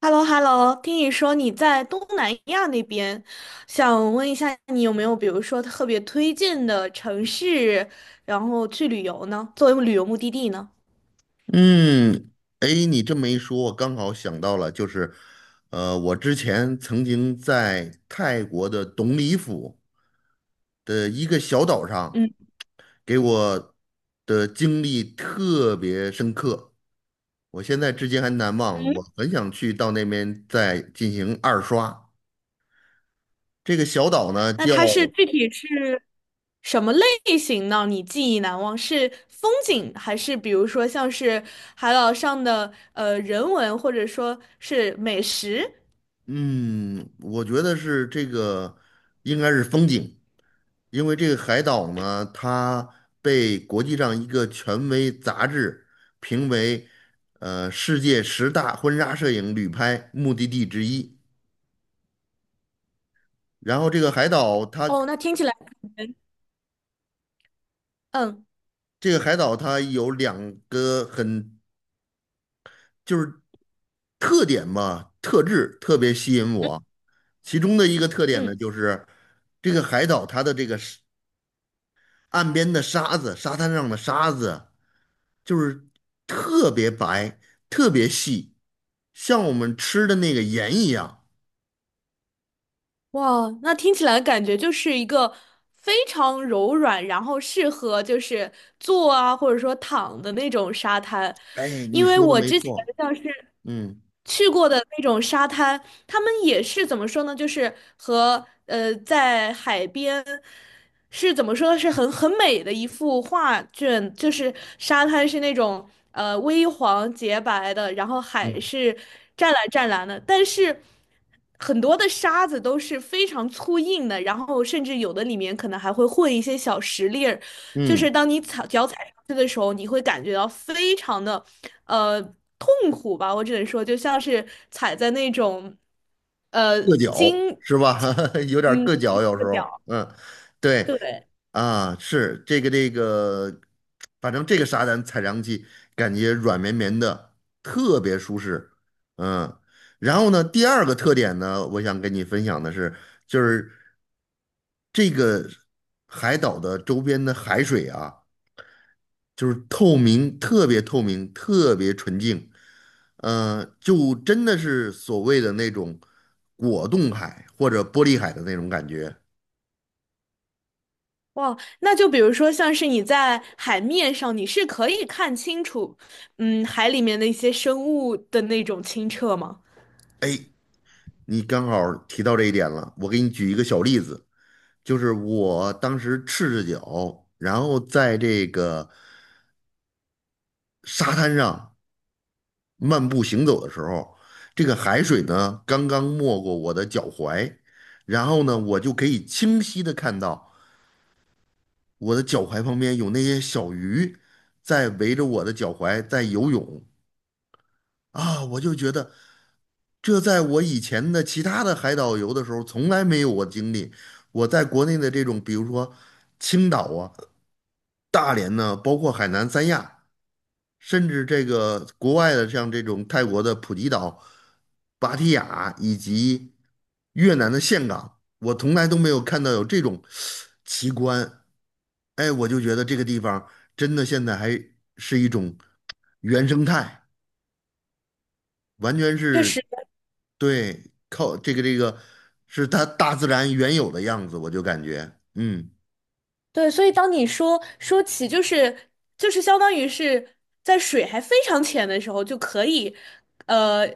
h e l l o h e l l o 听你说你在东南亚那边，想问一下你有没有比如说特别推荐的城市，然后去旅游呢？作为旅游目的地呢？嗯。哎，你这么一说，我刚好想到了，就是，我之前曾经在泰国的董里府的一个小岛上，嗯给我的经历特别深刻，我现在至今还难忘。嗯。我很想去到那边再进行二刷。这个小岛呢，那叫它是具体是什么类型呢？你记忆难忘是风景，还是比如说像是海岛上的人文，或者说是美食？嗯，我觉得是这个应该是风景，因为这个海岛呢，它被国际上一个权威杂志评为世界十大婚纱摄影旅拍目的地之一。然后这个海岛它哦，那听起来可能嗯有两个就是特点嘛，特质特别吸引嗯我。其中的一个特点呢，嗯。就是这个海岛它的这个岸边的沙子，沙滩上的沙子，就是特别白，特别细，像我们吃的那个盐一样。哇，那听起来感觉就是一个非常柔软，然后适合就是坐啊，或者说躺的那种沙滩。哎，你因为说的我没之前错，像是嗯去过的那种沙滩，他们也是怎么说呢？就是和在海边是怎么说？是很美的一幅画卷，就是沙滩是那种微黄洁白的，然后嗯海是湛蓝湛蓝的，但是很多的沙子都是非常粗硬的，然后甚至有的里面可能还会混一些小石粒儿，就嗯，是当你脚踩上去的时候，你会感觉到非常的呃痛苦吧，我只能说，就像是踩在那种呃硌脚金是吧？有点儿嗯硌脚，有时这个候，脚，嗯，对对。啊，反正这个沙滩踩上去感觉软绵绵的，特别舒适，嗯。然后呢，第二个特点呢，我想跟你分享的是，就是。这个海岛的周边的海水啊，就是透明，特别透明，特别纯净，就真的是所谓的那种果冻海或者玻璃海的那种感觉。哇，那就比如说，像是你在海面上，你是可以看清楚，海里面的一些生物的那种清澈吗？你刚好提到这一点了，我给你举一个小例子，就是我当时赤着脚，然后在这个沙滩上。漫步行走的时候，这个海水呢刚刚没过我的脚踝，然后呢，我就可以清晰的看到我的脚踝旁边有那些小鱼在围着我的脚踝在游泳啊，我就觉得这在我以前的其他的海岛游的时候从来没有我经历。我在国内的这种，比如说青岛啊、大连呢，包括海南三亚。甚至这个国外的像这种泰国的普吉岛、芭提雅以及越南的岘港，我从来都没有看到有这种奇观。哎，我就觉得这个地方真的现在还是一种原生态，完全确是实。对靠这个是它大自然原有的样子，我就感觉对，所以当你说起，就是相当于是在水还非常浅的时候，就可以，呃，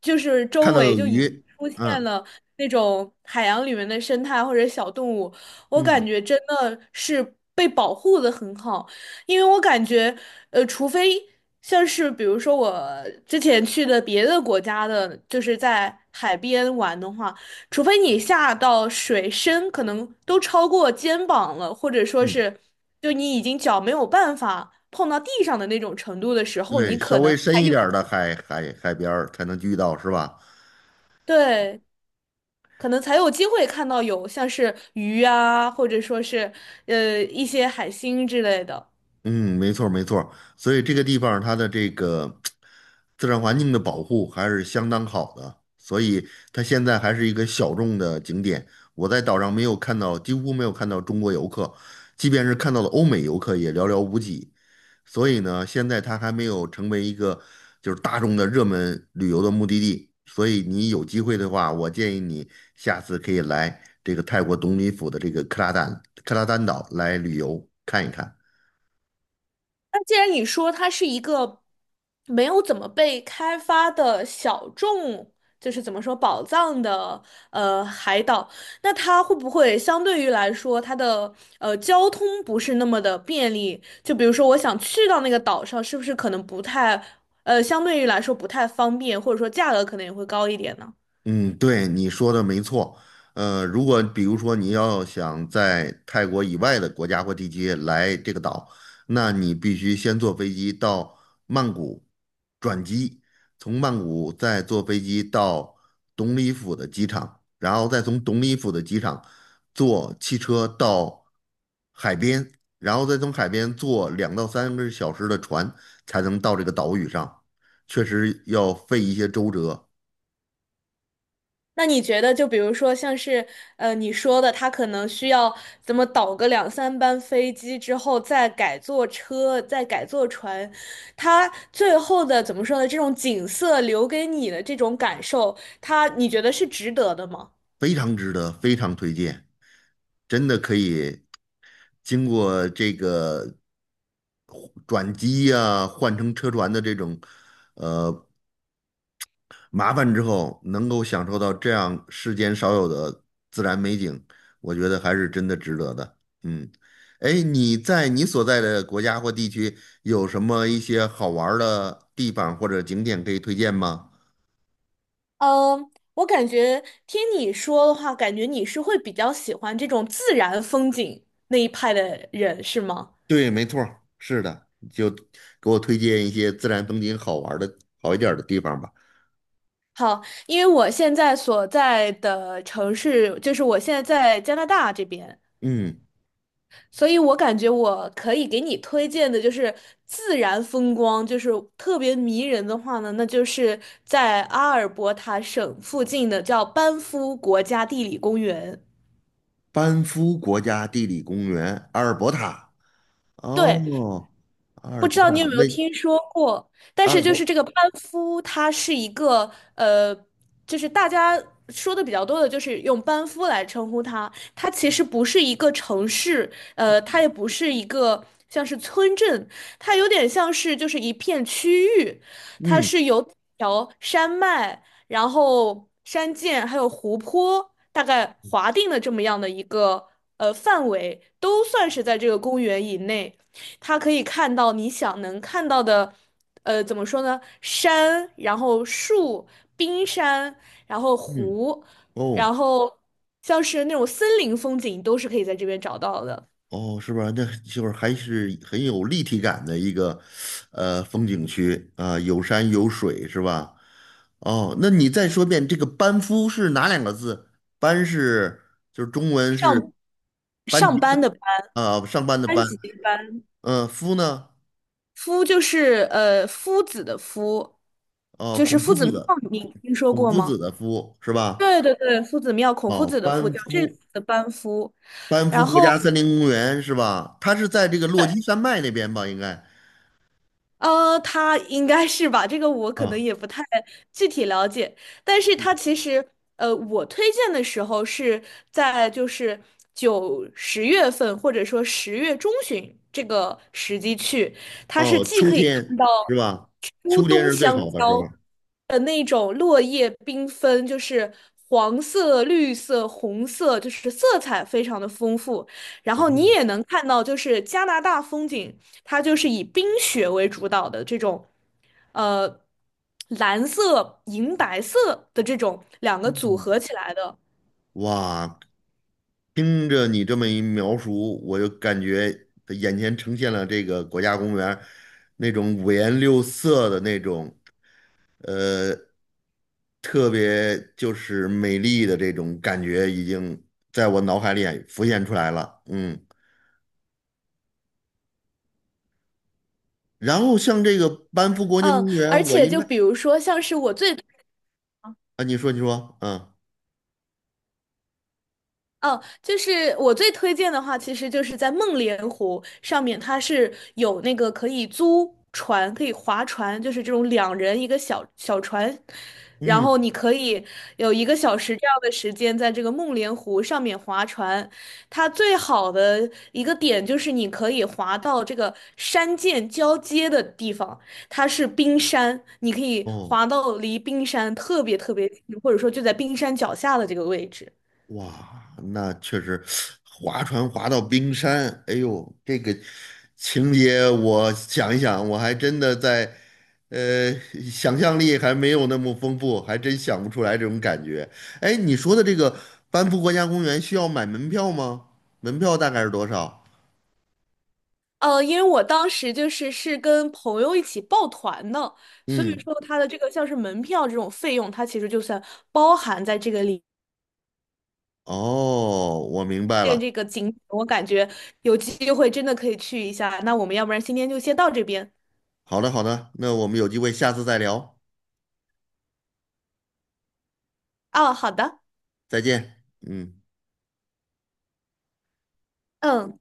就是看周到围有就已鱼，出现嗯了那种海洋里面的生态或者小动物，我感嗯觉真的是被保护的很好。因为我感觉，除非像是比如说我之前去的别的国家的，就是在海边玩的话。除非你下到水深可能都超过肩膀了，或者说嗯，是就你已经脚没有办法碰到地上的那种程度的时候，你对，稍可能微深还一有，点儿的海边儿才能遇到，是吧？对，可能才有机会看到有像是鱼啊，或者说是一些海星之类的。嗯，没错儿没错儿，所以这个地方儿它的这个自然环境的保护还是相当好的，所以它现在还是一个小众的景点。我在岛上没有看到，几乎没有看到中国游客，即便是看到了欧美游客也寥寥无几。所以呢，现在它还没有成为一个就是大众的热门旅游的目的地。所以你有机会的话，我建议你下次可以来这个泰国董里府的这个克拉丹岛来旅游看一看。那既然你说它是一个没有怎么被开发的小众，就是怎么说宝藏的海岛，那它会不会相对于来说，它的交通不是那么的便利？就比如说我想去到那个岛上，是不是可能不太相对于来说不太方便，或者说价格可能也会高一点呢？嗯，对，你说的没错。如果比如说你要想在泰国以外的国家或地区来这个岛，那你必须先坐飞机到曼谷转机，从曼谷再坐飞机到董里府的机场，然后再从董里府的机场坐汽车到海边，然后再从海边坐2到3个小时的船才能到这个岛屿上，确实要费一些周折。那你觉得，就比如说像是你说的，他可能需要怎么倒个两三班飞机之后，再改坐车，再改坐船，他最后的怎么说呢？这种景色留给你的这种感受，他你觉得是值得的吗？非常值得，非常推荐，真的可以经过这个转机呀、换乘车船的这种呃麻烦之后，能够享受到这样世间少有的自然美景，我觉得还是真的值得的。嗯，哎，你在你所在的国家或地区有什么一些好玩儿的地方或者景点可以推荐吗？嗯，我感觉听你说的话，感觉你是会比较喜欢这种自然风景那一派的人，是吗？对，没错儿是的，就给我推荐一些自然风景好玩儿的、好一点儿的地方吧。好，因为我现在所在的城市，就是我现在在加拿大这边。嗯，所以我感觉我可以给你推荐的就是自然风光，就是特别迷人的话呢，那就是在阿尔伯塔省附近的叫班夫国家地理公园。班夫国家地理公园，阿尔伯塔。对，哦，阿不尔伯知道塔，你有没那有听说过，但阿尔是就伯，是这个班夫，它是一个呃，就是大家说的比较多的，就是用班夫来称呼它。它其实不是一个城市，它也不是一个像是村镇，它有点像是就是一片区域，它嗯是由几条山脉，然后山涧还有湖泊大概划定的这么样的一个范围，都算是在这个公园以内。它可以看到你想能看到的，怎么说呢？山，然后树、冰山，然后嗯，湖，哦，然后像是那种森林风景都是可以在这边找到的。哦，是吧？那就是还是很有立体感的一个，风景区啊，有山有水，是吧？哦，那你再说遍这个班夫是哪两个字？班是就是中文是上班上级班的的班，啊，上班的班班。级的班，嗯，夫呢？夫就是夫子的夫，哦，就是夫子庙，你听说孔过夫子吗？的夫是吧？对对对，夫子庙，孔夫哦，子的夫班叫这个夫的班夫，班夫然国后。家森林公园是吧？它是在这个落基山脉那边吧？应该。他应该是吧，这个我可能啊。也不太具体了解，但是他其实，我推荐的时候是在就是九十月份或者说10月中旬这个时机去，它是哦，既秋可以天看到是吧？初秋天冬是最香好的时候。蕉的那种落叶缤纷，就是黄色、绿色、红色，就是色彩非常的丰富，然哦，后你也能看到就是加拿大风景。它就是以冰雪为主导的这种，呃，蓝色、银白色的这种两个组嗯，合起来的。哇，听着你这么一描述，我就感觉眼前呈现了这个国家公园儿那种五颜六色的那种，呃，特别就是美丽的这种感觉，已经在我脑海里浮现出来了。嗯，然后像这个班夫国家嗯，公而园，我且应就该比如说，像是我最啊，你说，你说，嗯哦，就是我最推荐的话，其实就是在梦莲湖上面，它是有那个可以租船，可以划船，就是这种两人一个小小船，然嗯，后你可以有1个小时这样的时间在这个梦莲湖上面划船。它最好的一个点就是你可以划到这个山涧交接的地方，它是冰山，你可以哦。划到离冰山特别特别近，或者说就在冰山脚下的这个位置。哇，那确实，划船划到冰山，哎呦，这个情节我想一想，我还真的在，呃，想象力还没有那么丰富，还真想不出来这种感觉。哎，你说的这个班夫国家公园需要买门票吗？门票大概是多少？因为我当时就是跟朋友一起抱团的，所以嗯，说它的这个像是门票这种费用，它其实就算包含在这个里面。哦，我明白这了。个景点，我感觉有机会真的可以去一下。那我们要不然今天就先到这边好的，好的，那我们有机会下次再聊，啊，好的，再见。嗯。嗯。